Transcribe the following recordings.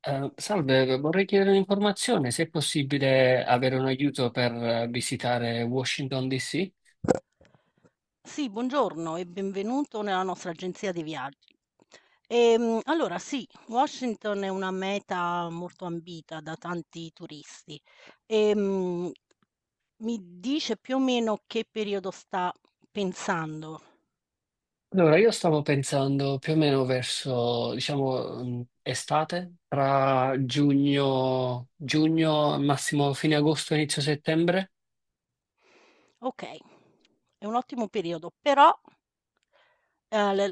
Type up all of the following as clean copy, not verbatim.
Salve, vorrei chiedere un'informazione, se è possibile avere un aiuto per visitare Washington DC. Sì, buongiorno e benvenuto nella nostra agenzia di viaggi. Allora sì, Washington è una meta molto ambita da tanti turisti. Ehm, Mi dice più o meno che periodo sta pensando. Allora, io stavo pensando più o meno verso, diciamo, estate, tra giugno, massimo fine agosto, inizio settembre, Okay, è un ottimo periodo, però Ehm, le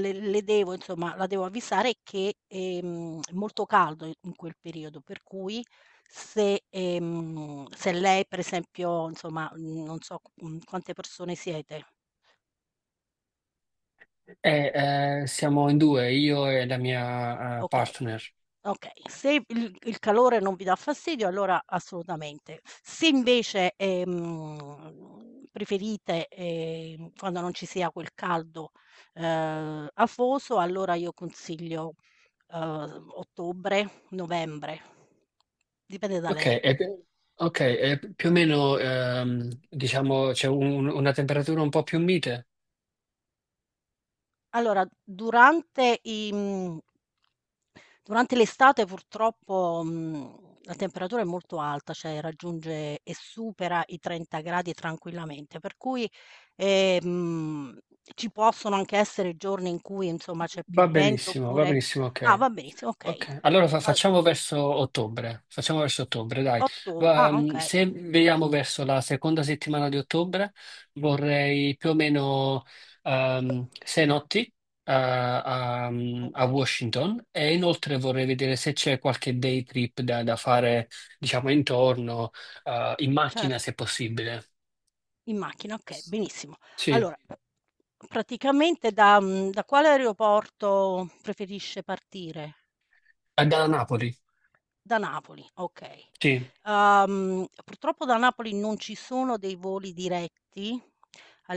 le devo insomma, la devo avvisare che, è molto caldo in quel periodo, per cui se, se lei per esempio, insomma, non so, quante persone siete, e siamo in due, io e la mia okay. partner. Okay, se il calore non vi dà fastidio allora assolutamente. Se invece, preferite, quando non ci sia quel caldo, afoso, allora io consiglio, ottobre, novembre. Dipende da Ok, lei. e, ok, e più o meno, diciamo, c'è una temperatura un po' più mite. Allora, durante l'estate purtroppo, la temperatura è molto alta, cioè raggiunge e supera i 30 C tranquillamente, per cui, ehm, ci possono anche essere giorni in cui insomma c'è più vento Va oppure benissimo, ah va ok. benissimo, okay. Ok, allora Al facciamo verso ottobre, dai. ottob ah okay, Se vediamo verso la seconda settimana di ottobre, vorrei più o meno 6 notti a okay, Washington e inoltre vorrei vedere se c'è qualche day trip da fare, diciamo, intorno, in macchina certo. se possibile. In macchina, okay, benissimo. Sì, Allora, praticamente da quale aeroporto preferisce partire? Da Napoli, Da Napoli, okay. sì, Purtroppo da Napoli non ci sono dei voli diretti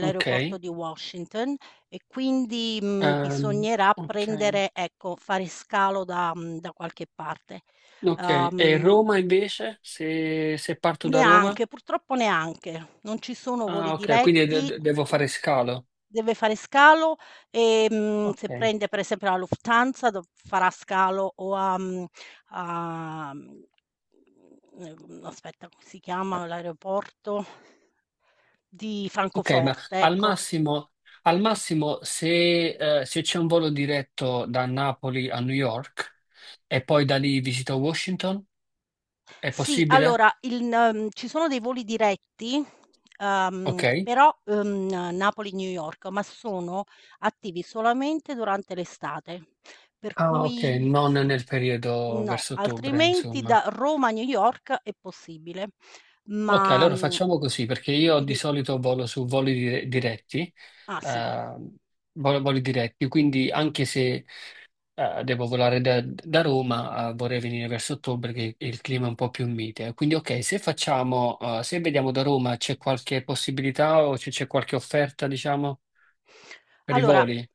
ok. di Washington e quindi, Ehm, bisognerà ok. prendere ecco, fare scalo da qualche parte. Ok, e Uhm Roma invece, se parto da Roma? Neanche, purtroppo neanche. Non ci sono Ah, voli ok, quindi diretti, devo fare uhm, scalo. deve fare scalo, se Ok, prende per esempio la Lufthansa dov farà scalo o a mhmm, aspetta, come si chiama l'aeroporto di ok, ma Francoforte, ecco. Al massimo se c'è un volo diretto da Napoli a New York e poi da lì visito Washington, è Sì, possibile? allora il n ci sono dei voli diretti, Ok. però, Napoli-New York, ma sono attivi solamente durante l'estate. Per Ah, ok, cui non sì. nel periodo No, verso ottobre, altrimenti insomma. da Roma a New York è possibile. Ok, Ma, allora mhmm facciamo così, perché io di quindi solito volo su voli diretti, ah, sì. eh, voli diretti, quindi anche se devo volare da Roma, vorrei venire verso ottobre che il clima è un po' più mite. Quindi, ok, se vediamo da Roma, c'è qualche possibilità o c'è qualche offerta, diciamo, per i Allora voli?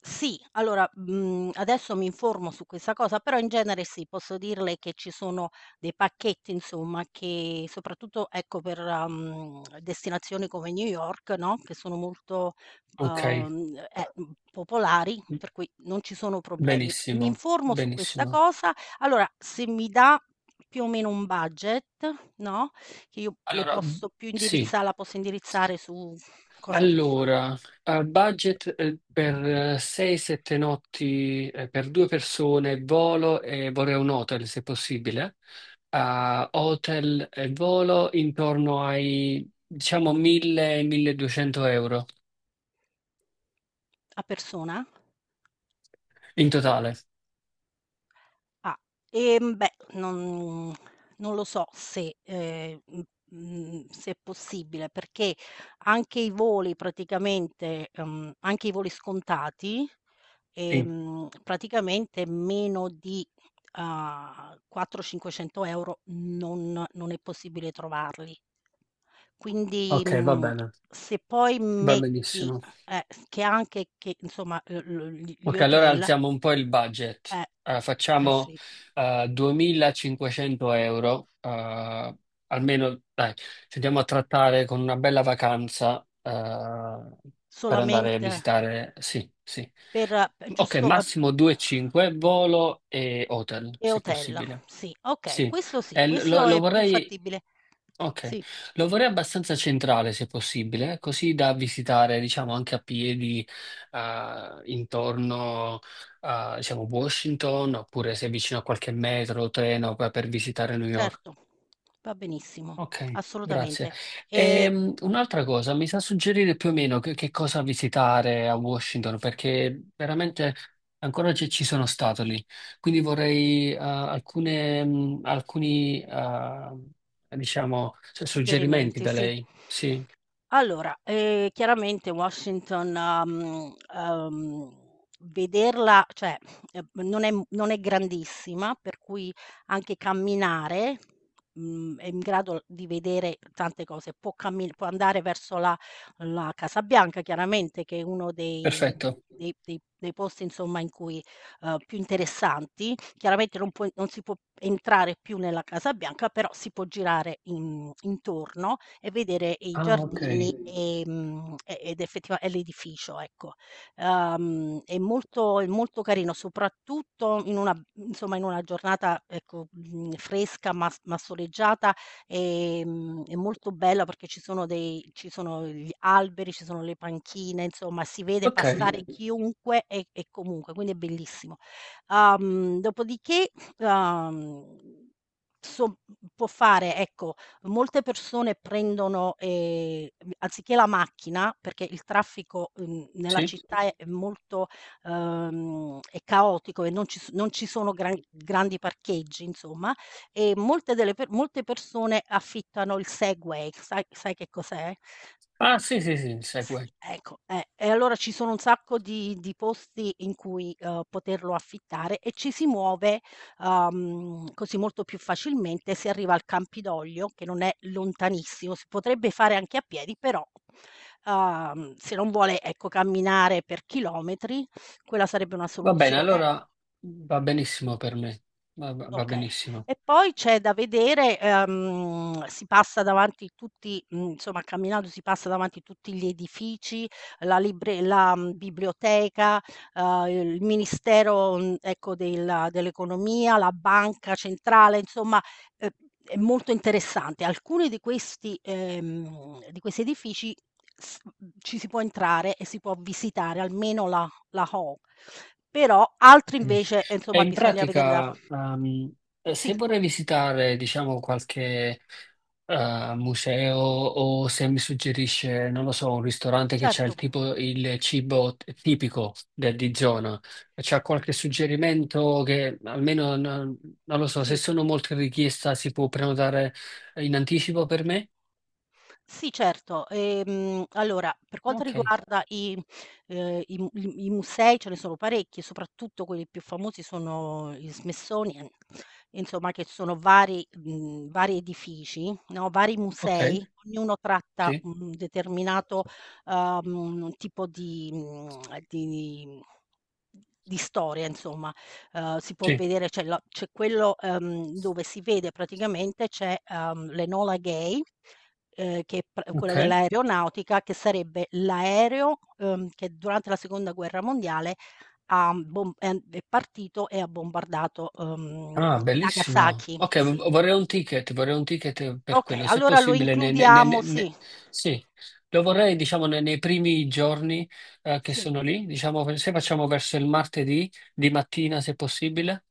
sì, allora, adesso mi informo su questa cosa, però in genere sì, posso dirle che ci sono dei pacchetti insomma che soprattutto ecco per, destinazioni come New York, no, che sono molto, Ok, popolari, per cui non ci sono problemi. Mi benissimo, informo su questa benissimo. cosa, allora se mi dà più o meno un budget, no, che io le Allora, posso più sì. indirizza la posso indirizzare su Cosa può fare? Allora, a budget per 6-7 notti per due persone, volo e vorrei un hotel se possibile. A hotel e volo intorno ai diciamo 1000-1200 euro A persona? in totale. Ah, beh, non lo so se, se è possibile, perché anche i voli praticamente, anche i voli scontati Sì. Praticamente meno di, 4, 500 € non è possibile trovarli. Quindi, Ok, va bene, se poi va metti benissimo. S che anche che insomma, l l gli gli Ok, allora hotel alziamo un po' il budget. eh, Facciamo sì, 2500 euro, almeno dai, ci andiamo a trattare con una bella vacanza per andare a solamente visitare. Sì, sì. per p Ok, giusto massimo 2,5, volo e hotel, e se hotel, possibile. sì, okay, Sì. questo sì, Lo, questo lo è più vorrei fattibile. Ok, Sì. lo vorrei abbastanza centrale se possibile, così da visitare, diciamo, anche a piedi intorno a, diciamo, Washington, oppure se è vicino a qualche metro o treno per visitare New York. Certo, va benissimo, Ok, grazie. assolutamente. Ehm, Un'altra cosa, mi sa suggerire più o meno che cosa visitare a Washington, perché veramente ancora ci sono stato lì. Quindi vorrei alcuni, diciamo, suggerimenti Suggerimenti, da sì. lei. Sì, Allora, chiaramente Washington, mhmm, uhm, vederla cioè, non è grandissima, per cui anche camminare, è in grado di vedere tante cose. Può andare verso la Casa Bianca chiaramente, che è uno dei Mh-mh. perfetto. dei posti insomma in cui più interessanti. Chiaramente non si può entrare più nella Casa Bianca, però si può girare in intorno e vedere i Ah, ok. giardini, e ed effettiva e l'edificio, ecco. È molto carino, soprattutto in una insomma, in una giornata, ecco, fresca ma soleggiata, è molto bella perché ci sono gli alberi, ci sono le panchine, insomma si vede Ok, passare chiunque e comunque, quindi è bellissimo. Dopodiché, uhm, so può fare, ecco, molte persone prendono, anziché la macchina, perché il traffico, nella sì. città è molto è caotico e non ci sono grandi parcheggi insomma, e molte persone affittano il Segway. Sai che cos'è? Ah, sì, sì, sì, segue. Sì, ecco, e allora ci sono un sacco di posti in cui, poterlo affittare e ci si muove, così molto più facilmente. Si arriva al Campidoglio, che non è lontanissimo, si potrebbe fare anche a piedi, però, se non vuole, ecco, camminare per chilometri, quella sarebbe una Va bene, soluzione. allora va benissimo per me. Va Okay. benissimo. E poi c'è da vedere, si passa davanti tutti insomma camminando si passa davanti tutti gli edifici, la libre la, mhmm, biblioteca, il ministero, ecco della dell'economia, la banca centrale, insomma, ehm, è molto interessante. Alcuni di questi edifici ci si può entrare e si può visitare, almeno la Hall. Però altri Ok. invece, E insomma in bisogna vedere da f pratica, sì, se vorrei visitare, diciamo, qualche museo o se mi suggerisce, non lo so, un ristorante che c'ha certo, il cibo tipico di zona, c'ha qualche suggerimento che almeno non lo so, se sì. sono molte richieste si può prenotare in anticipo per me? Sì, certo. Allora, per quanto Ok, riguarda i i mu i i musei ce ne sono parecchi, soprattutto quelli più famosi sono il Smithsonian, insomma che sono vari vari edifici, no, vari ok, musei, ognuno tratta sì, un determinato, tipo di mhmm, di di storia insomma. Si può sì, vedere c'è quello, dove si vede praticamente c'è, l'Enola Gay che è pr quello ok. dell'aeronautica, che sarebbe l'aereo, che durante la seconda guerra mondiale ha bom è an è partito e ha bombardato, Ah, bellissimo. Nagasaki, Ok, sì. Vorrei un ticket per Okay, quello, se allora lo possibile. Includiamo sì, Sì, lo vorrei, diciamo, nei primi giorni, che sì. sono lì, diciamo, se facciamo verso il martedì di mattina, se possibile.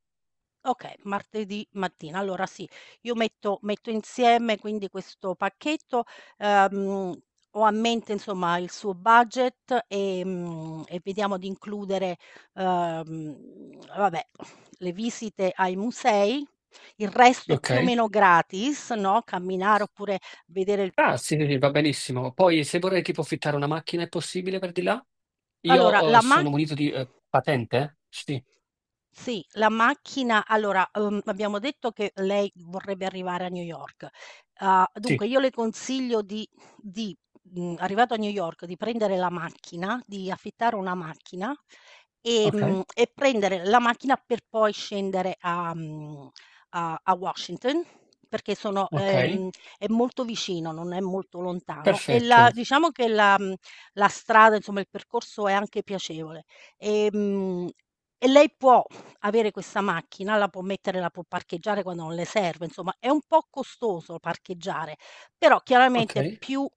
Okay, martedì mattina. Allora sì, io metto insieme quindi questo pacchetto, ehm, ho a mente insomma il suo budget, e vediamo di includere, vabbè, le visite ai musei, il resto è Ok. più o meno gratis, no, camminare oppure vedere il Ah, sì, sì, sì, va benissimo. Poi, se vorrei tipo affittare una macchina, è possibile per di là? allora Io, la mac sono munito di, patente? Sì, Sì, la macchina allora, abbiamo detto che lei vorrebbe arrivare a New York. Sì. Dunque io le consiglio di arrivato a New York, di prendere la macchina, di affittare una macchina, Ok. E prendere la macchina per poi scendere a mhmm, a a Washington, perché sono Ok, è molto vicino, non è molto lontano e la perfetto. diciamo che la strada, insomma, il percorso è anche piacevole. Ehm, e lei può avere questa macchina, la può parcheggiare quando non le serve, insomma è un po' costoso parcheggiare, però Ok. chiaramente più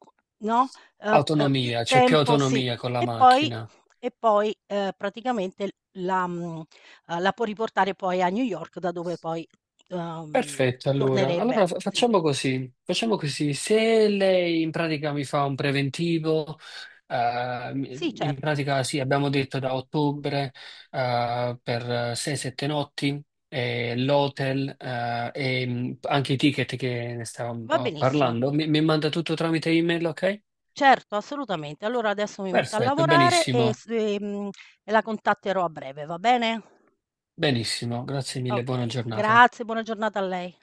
no, più Autonomia, c'è più tempo sì. autonomia con la E poi macchina. Praticamente la mhmm, la può riportare poi a New York da dove poi, uhm, Perfetto, allora. tornerebbe. Allora Sì. facciamo così. Facciamo così. Se lei in pratica mi fa un preventivo, Sì, in certo, pratica sì, abbiamo detto da ottobre, per 6-7 notti, e l'hotel, e anche i ticket che ne stavamo un va po' benissimo. parlando. Mi manda tutto tramite email, ok? Certo, assolutamente. Allora adesso mi metto a Perfetto, lavorare benissimo. E la contatterò a breve, va bene? Benissimo, grazie mille, buona Okay, giornata. grazie, buona giornata a lei.